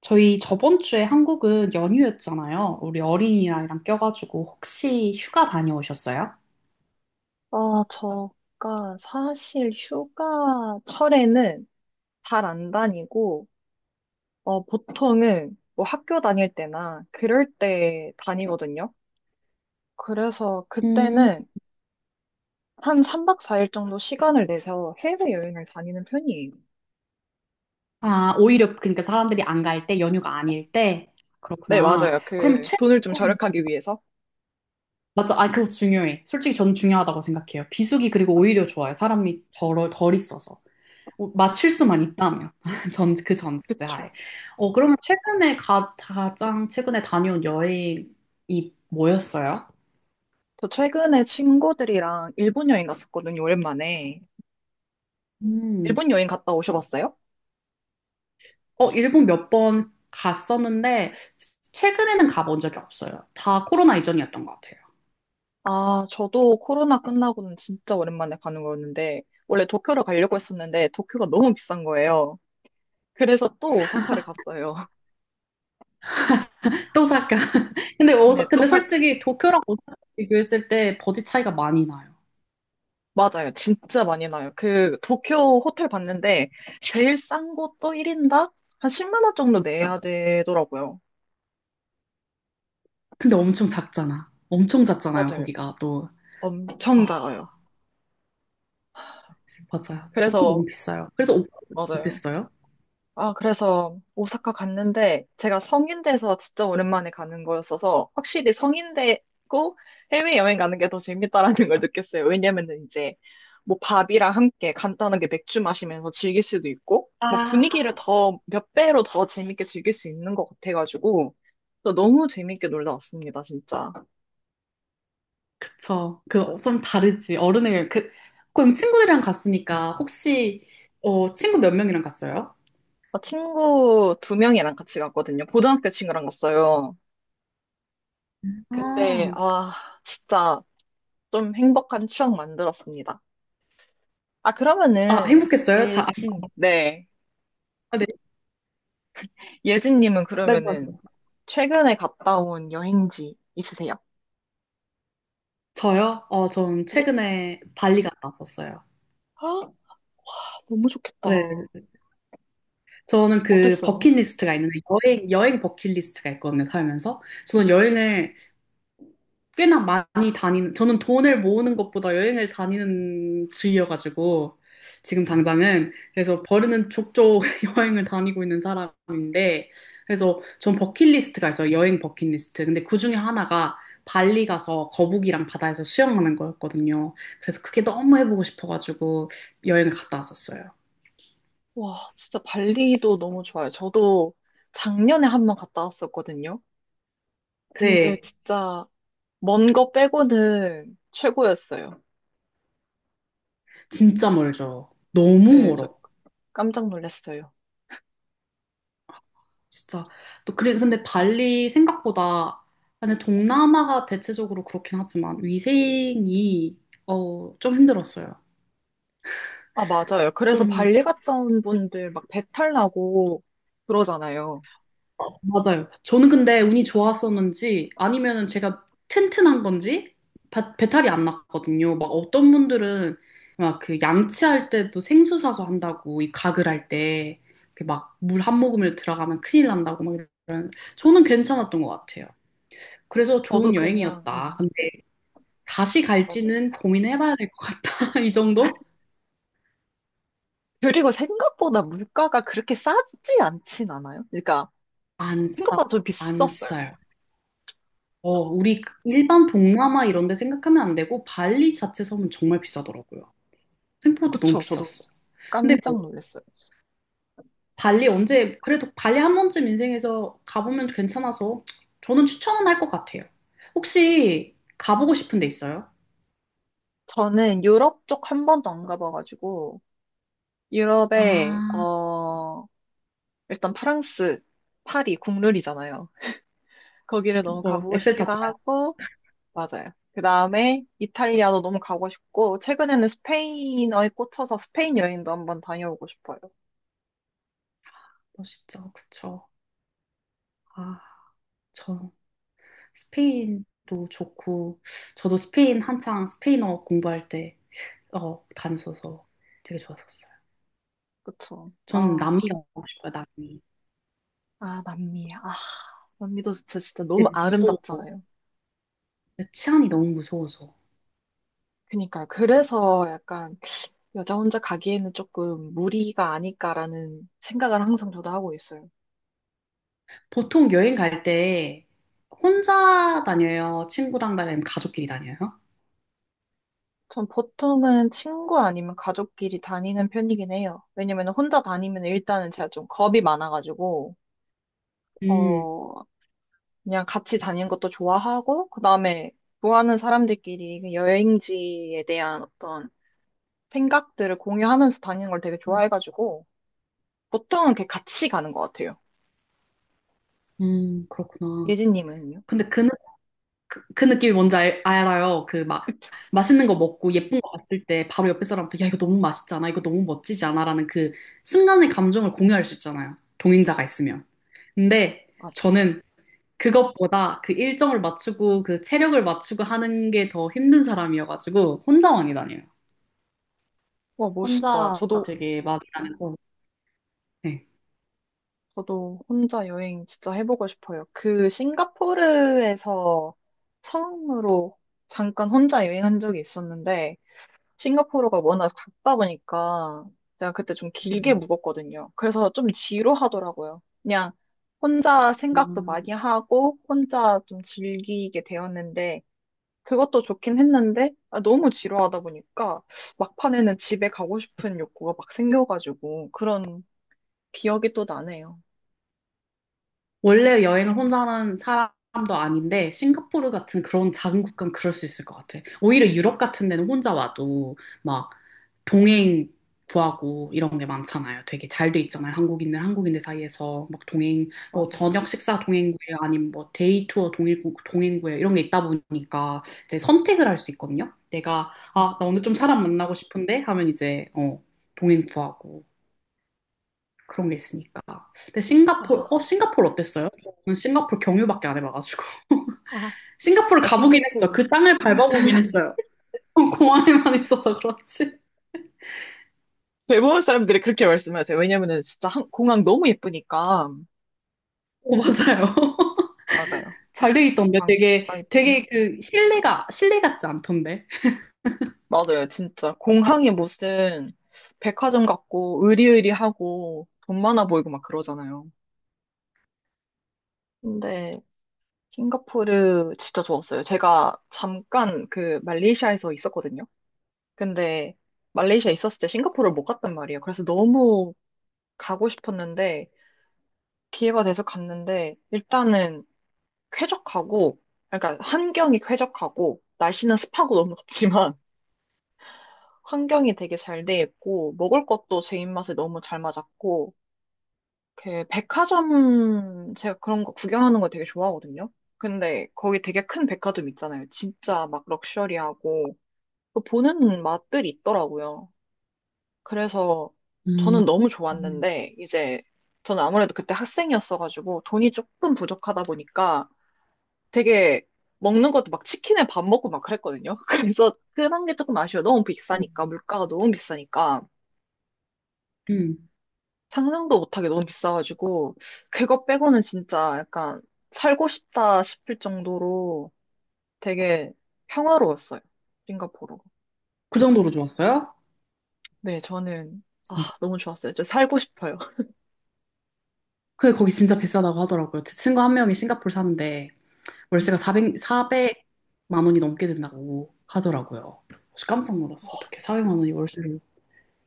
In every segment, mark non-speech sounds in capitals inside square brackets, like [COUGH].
저희 저번 주에 한국은 연휴였잖아요. 우리 어린이날이랑 껴가지고 혹시 휴가 다녀오셨어요? 아, 저가 사실 휴가철에는 잘 안 다니고, 보통은 뭐 학교 다닐 때나 그럴 때 다니거든요. 그래서 음. 그때는 한 3박 4일 정도 시간을 내서 해외여행을 다니는 편이에요. 아, 오히려 그러니까 사람들이 안 갈 때, 연휴가 아닐 때. 네, 그렇구나. 맞아요. 그럼 그 돈을 좀 최근에 절약하기 위해서. 맞죠? 아, 그거 중요해. 솔직히 저는 중요하다고 생각해요. 비수기 그리고 아, 오히려 좋아요. 사람이 덜 있어서. 맞출 수만 있다면. [LAUGHS] 전, 그 그쵸. 전제하에. 어, 그러면 최근에 가장 최근에 다녀온 여행이 뭐였어요? 저 최근에 친구들이랑 일본 여행 갔었거든요, 오랜만에. 음. 일본 여행 갔다 오셔봤어요? 일본 몇 번 갔었는데, 최근에는 가본 적이 없어요. 다 코로나 이전이었던 것 같아요. 아, 저도 코로나 끝나고는 진짜 오랜만에 가는 거였는데, 원래 도쿄를 가려고 했었는데, 도쿄가 너무 비싼 거예요. 그래서 또 오사카를 갔어요. [LAUGHS] 오사카. [LAUGHS] 근데, 네, 근데 솔직히 도쿄랑 오사카 비교했을 때 버짓 차이가 많이 나요. 맞아요. 진짜 많이 나요. 그, 도쿄 호텔 봤는데, 제일 싼 곳도 1인당 한 10만 원 정도 내야 되더라고요. 근데 엄청 작잖아. 엄청 작잖아요, 맞아요. 거기가 또. 아, 엄청 작아요. 맞아요. 도쿄 너무 그래서, 비싸요. 그래서 오사카 맞아요. 못했어요. 아, 그래서 오사카 갔는데 제가 성인대에서 진짜 오랜만에 가는 거였어서 확실히 성인대고 해외여행 가는 게 더 재밌다라는 걸 느꼈어요. 왜냐면은 이제 뭐 밥이랑 함께 간단하게 맥주 마시면서 즐길 수도 있고 뭐 아, 분위기를 더 몇 배로 더 재밌게 즐길 수 있는 것 같아가지고 또 너무 재밌게 놀다 왔습니다, 진짜. 그쵸. 그, 좀 다르지. 어른의, 그, 그럼 친구들이랑 갔으니까, 혹시, 친구 몇 명이랑 갔어요? 아, 친구 두 명이랑 같이 갔거든요. 고등학교 친구랑 갔어요. 근데 아, 아, 진짜 좀 행복한 추억 만들었습니다. 아, 아, 그러면은, 행복했어요? 자, 예진, 네. 아, 네. 예진님은 그러면은, 말씀하세요. 최근에 갔다 온 여행지 있으세요? 저요? 전 네. 최근에 발리 갔다 왔었어요. 아, 너무 좋겠다. 네. 저는 그 어땠어요? 버킷리스트가 있는데, 여행 버킷리스트가 있거든요, 살면서. 저는 여행을 꽤나 많이 다니는, 저는 돈을 모으는 것보다 여행을 다니는 주의여가지고, 지금 음. 당장은. 그래서 버르는 족족 [LAUGHS] 여행을 다니고 있는 사람인데, 그래서 전 버킷리스트가 있어요. 여행 버킷리스트. 근데 그 중에 하나가 발리 가서 거북이랑 바다에서 수영하는 거였거든요. 그래서 그게 너무 해보고 싶어가지고 여행을 갔다 왔었어요. 와, 진짜 발리도 너무 좋아요. 저도 작년에 한 번 갔다 왔었거든요. 근데 네, 진짜, 먼 거 빼고는 최고였어요. 진짜 멀죠. 너무 네, 저 멀어. 깜짝 놀랐어요. 진짜 또 그래 근데 발리 생각보다 근데 동남아가 대체적으로 그렇긴 하지만 위생이 좀 힘들었어요. 아, 맞아요. 그래서 좀 발리 갔다 온 분들 막 배탈 나고 그러잖아요. 어, 맞아요. 저는 근데 운이 좋았었는지 아니면은 제가 튼튼한 건지 배탈이 안 났거든요. 막 어떤 분들은 막 그 양치할 때도 생수 사서 한다고 이 가글 할 때 막 물 한 모금을 들어가면 큰일 난다고 막 이런 저는 괜찮았던 것 같아요. 그래서 저도 좋은 그냥, 여행이었다. 다시 맞아요. 갈지는 고민해봐야 될 것 같다. [LAUGHS] 이 정도? 그리고 생각보다 물가가 그렇게 싸지 않진 않아요. 그러니까 안 싸, 생각보다 좀 안 비쌌어요. 싸요. 우리 그 일반 동남아 이런 데 생각하면 안 되고, 발리 자체 섬은 정말 비싸더라고요. 생각보다 너무 그쵸? 저도 비쌌어. 근데 뭐, 깜짝 놀랐어요. 발리 언제, 그래도 발리 한 번쯤 인생에서 가보면 괜찮아서, 저는 추천은 할 것 같아요. 혹시 가보고 싶은 데 있어요? 저는 유럽 쪽 한 번도 안 가봐가지고 유럽에 아, 일단 프랑스 파리 국룰이잖아요. 거기를 너무 그쵸. 가보고 에펠탑 싶기도 봐야죠, 하고 맞아요. 그 다음에 이탈리아도 너무 가고 싶고 최근에는 스페인어에 꽂혀서 스페인 여행도 한번 다녀오고 싶어요. 진짜. 그쵸. 아, 저. 스페인도 좋고, 저도 스페인 한창 스페인어 공부할 때 다녔어서 되게 좋았었어요. 그쵸? 저는 남미 가고 싶어요, 남미. 아, 남미. 아, 남미도 진짜, 진짜 너무 근데 무서워서. 아름답잖아요. 치안이 너무 무서워서. 그니까요. 그래서 약간 여자 혼자 가기에는 조금 무리가 아닐까라는 생각을 항상 저도 하고 있어요. 보통 여행 갈 때 혼자 다녀요? 친구랑 다니면 가족끼리 다녀요? 전 보통은 친구 아니면 가족끼리 다니는 편이긴 해요. 왜냐면 혼자 다니면 일단은 제가 좀 겁이 많아가지고, 음, 어, 그냥 같이 다니는 것도 좋아하고, 그 다음에 좋아하는 사람들끼리 그 여행지에 대한 어떤 생각들을 공유하면서 다니는 걸 되게 좋아해가지고, 보통은 이렇게 같이 가는 것 같아요. 그렇구나. 예진님은요? 근데 그 그, 그 느낌이 뭔지 알아요. 그 막 맛있는 거 먹고 예쁜 거 봤을 때 바로 옆에 사람부터 야 이거 너무 맛있잖아, 이거 너무 멋지지 않아라는 그 순간의 감정을 공유할 수 있잖아요. 동행자가 있으면. 근데 맞아. 저는 그것보다 그 일정을 맞추고 그 체력을 맞추고 하는 게 더 힘든 사람이어가지고 혼자 많이 다녀요. 와, 멋있다. 혼자 저도, 되게 많이 다녀고 네. 저도 혼자 여행 진짜 해보고 싶어요. 그 싱가포르에서 처음으로 잠깐 혼자 여행한 적이 있었는데, 싱가포르가 워낙 작다 보니까 제가 그때 좀 길게 묵었거든요. 그래서 좀 지루하더라고요. 그냥 혼자 생각도 음. 많이 하고, 혼자 좀 즐기게 되었는데, 그것도 좋긴 했는데, 아, 너무 지루하다 보니까, 막판에는 집에 가고 싶은 욕구가 막 생겨가지고, 그런 기억이 또 나네요. 원래 여행을 혼자 하는 사람도 아닌데, 싱가포르 같은 그런 작은 국가는 그럴 수 있을 것 같아. 오히려 유럽 같은 데는 혼자 와도 막 동행 구하고 이런 게 많잖아요. 되게 잘 돼 있잖아요. 한국인들 사이에서 막 동행, 뭐 맞아요. 저녁 식사 동행 구해, 아니면 뭐 데이 투어 동행, 동행 구해, 이런 게 있다 보니까 이제 선택을 할 수 있거든요. 내가, 음. 아, 나 오늘 좀 사람 만나고 싶은데 하면 이제, 동행 구하고. 그런 게 있으니까. 근데 싱가포르, 아, 싱가포르 어땠어요? 저는 싱가포르 경유밖에 안 해봐가지고. [LAUGHS] 아, 싱가포르 가보긴 했어. 싱가포르. 그 땅을 밟아보긴 했어요. 공항에만 있어서 그렇지. 대부분 사람들이 그렇게 말씀하세요. 왜냐면은 진짜 한- 공항 너무 예쁘니까. 어, 맞아요. [LAUGHS] 맞아요. 잘 돼 있던데 공항 되게 진짜 예뻐. 되게 그 실내가 실내 같지 않던데. 맞아요. 진짜. 공항이 무슨 백화점 같고, 으리으리하고, 돈 많아 보이고 막 그러잖아요. 근데 싱가포르 진짜 좋았어요. 제가 잠깐 그 말레이시아에서 있었거든요. 근데 말레이시아 있었을 때 싱가포르를 못 갔단 말이에요. 그래서 너무 가고 싶었는데 기회가 돼서 갔는데 일단은 쾌적하고 그러니까 환경이 쾌적하고 날씨는 습하고 너무 덥지만 [LAUGHS] 환경이 되게 잘 돼 있고 먹을 것도 제 입맛에 너무 잘 맞았고 그 백화점 제가 그런 거 구경하는 거 되게 좋아하거든요. 근데 거기 되게 큰 백화점 있잖아요. 진짜 막 럭셔리하고 그 보는 맛들이 있더라고요. 그래서 음, 저는 너무 음. 좋았는데 이제 저는 아무래도 그때 학생이었어가지고 돈이 조금 부족하다 보니까 되게 먹는 것도 막 치킨에 밥 먹고 막 그랬거든요. [LAUGHS] 그래서 그런 게 조금 아쉬워요. 너무 음, 비싸니까 물가가 너무 비싸니까. 음. 상상도 못하게 너무 비싸가지고, 그거 빼고는 진짜 약간 살고 싶다 싶을 정도로 되게 평화로웠어요. 싱가포르가. 그 정도로 좋았어요? 네, 저는, 진짜. 너무 좋았어요. 진짜 살고 싶어요. [LAUGHS] 근데 거기 진짜 비싸다고 하더라고요. 제 친구 한 명이 싱가포르 사는데 음. 월세가 400만 원이 넘게 된다고 하더라고요. 그래서 깜짝 놀랐어. 어떻게 400만 원이 월세로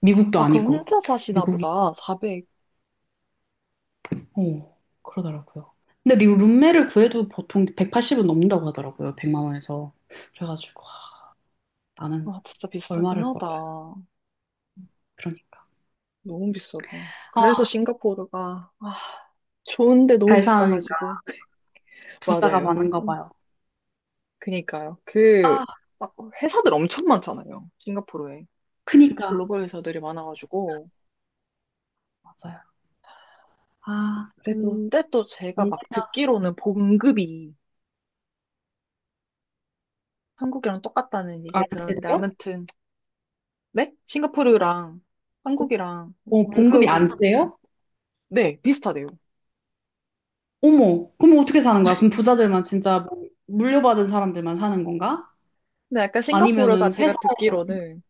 미국도 아, 그럼 아니고 혼자 사시나 미국이 보다. 400. 어 그러더라고요. 근데 룸메를 구해도 보통 180은 넘는다고 하더라고요. 100만 원에서. 그래가지고 아, 나는 아, 진짜 비싸긴 얼마를 하다. 벌어요. 그러니까. 너무 비싸다. 아, 그래서 싱가포르가, 좋은데 너무 잘 사니까 비싸가지고. [LAUGHS] 부자가 맞아요. 많은가 봐요. 그니까요. 그, 아, 막 회사들 엄청 많잖아요. 싱가포르에. 크니까. 글로벌 회사들이 많아가지고. 맞아요. 아, 그래도 근데 또 제가 언제나 막 듣기로는 봉급이 한국이랑 똑같다는 안 얘기 들었는데, 세대요? 아무튼, 네? 싱가포르랑 한국이랑 봉급이 월급이, 안 세요? 네, 비슷하대요. 어머, 그럼 어떻게 사는 거야? 그럼 부자들만 진짜 뭐 물려받은 사람들만 사는 건가? 근데 약간 싱가포르가 아니면은 제가 회사에서 듣기로는,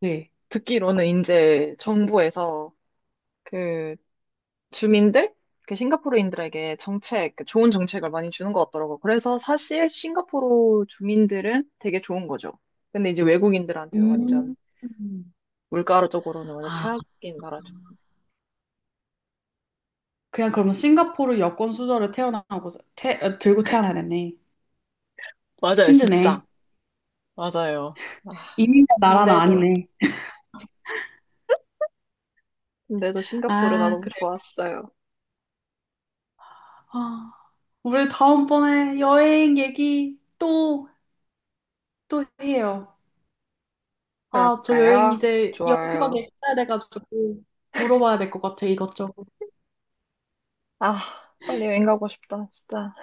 네. 이제 정부에서 그 주민들? 그 싱가포르인들에게 정책, 그 좋은 정책을 많이 주는 것 같더라고요. 그래서 사실 싱가포르 주민들은 되게 좋은 거죠. 근데 이제 외국인들한테는 완전 음. 물가적으로는 완전 아, 최악인 나라죠. 그냥 그러면 싱가포르 여권 수저를 태어나고 들고 태어나야겠네. 맞아요, 힘드네. 진짜. 맞아요. 아, 이민자 나라는 근데도, 아니네. 근데도 싱가포르가 아, 너무 그래. 좋았어요. 아, 우리 다음번에 여행 얘기 또, 또 해요. 아, 저 여행 그럴까요? 이제 여기가 좋아요. 됐어야 돼가지고 물어봐야 될 것 같아, 이것저것. 아, 빨리 여행 가고 싶다, 진짜.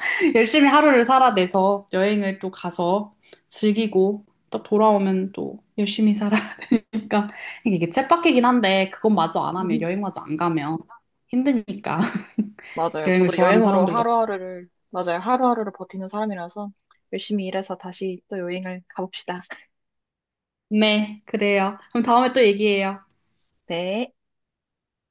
[LAUGHS] 열심히 하루를 살아내서 여행을 또 가서 즐기고 또 돌아오면 또 열심히 살아니까 이게 [LAUGHS] 이게 쳇바퀴긴 한데 그건 마저 안 하면 여행 [LAUGHS] 마저 안 가면 힘드니까. 맞아요. 여행을 저도 좋아하는 여행으로 사람들로. 하루하루를, 맞아요. 하루하루를 버티는 사람이라서 열심히 일해서 다시 또 여행을 가봅시다. 네, 그래요. 그럼 다음에 또 얘기해요. 네.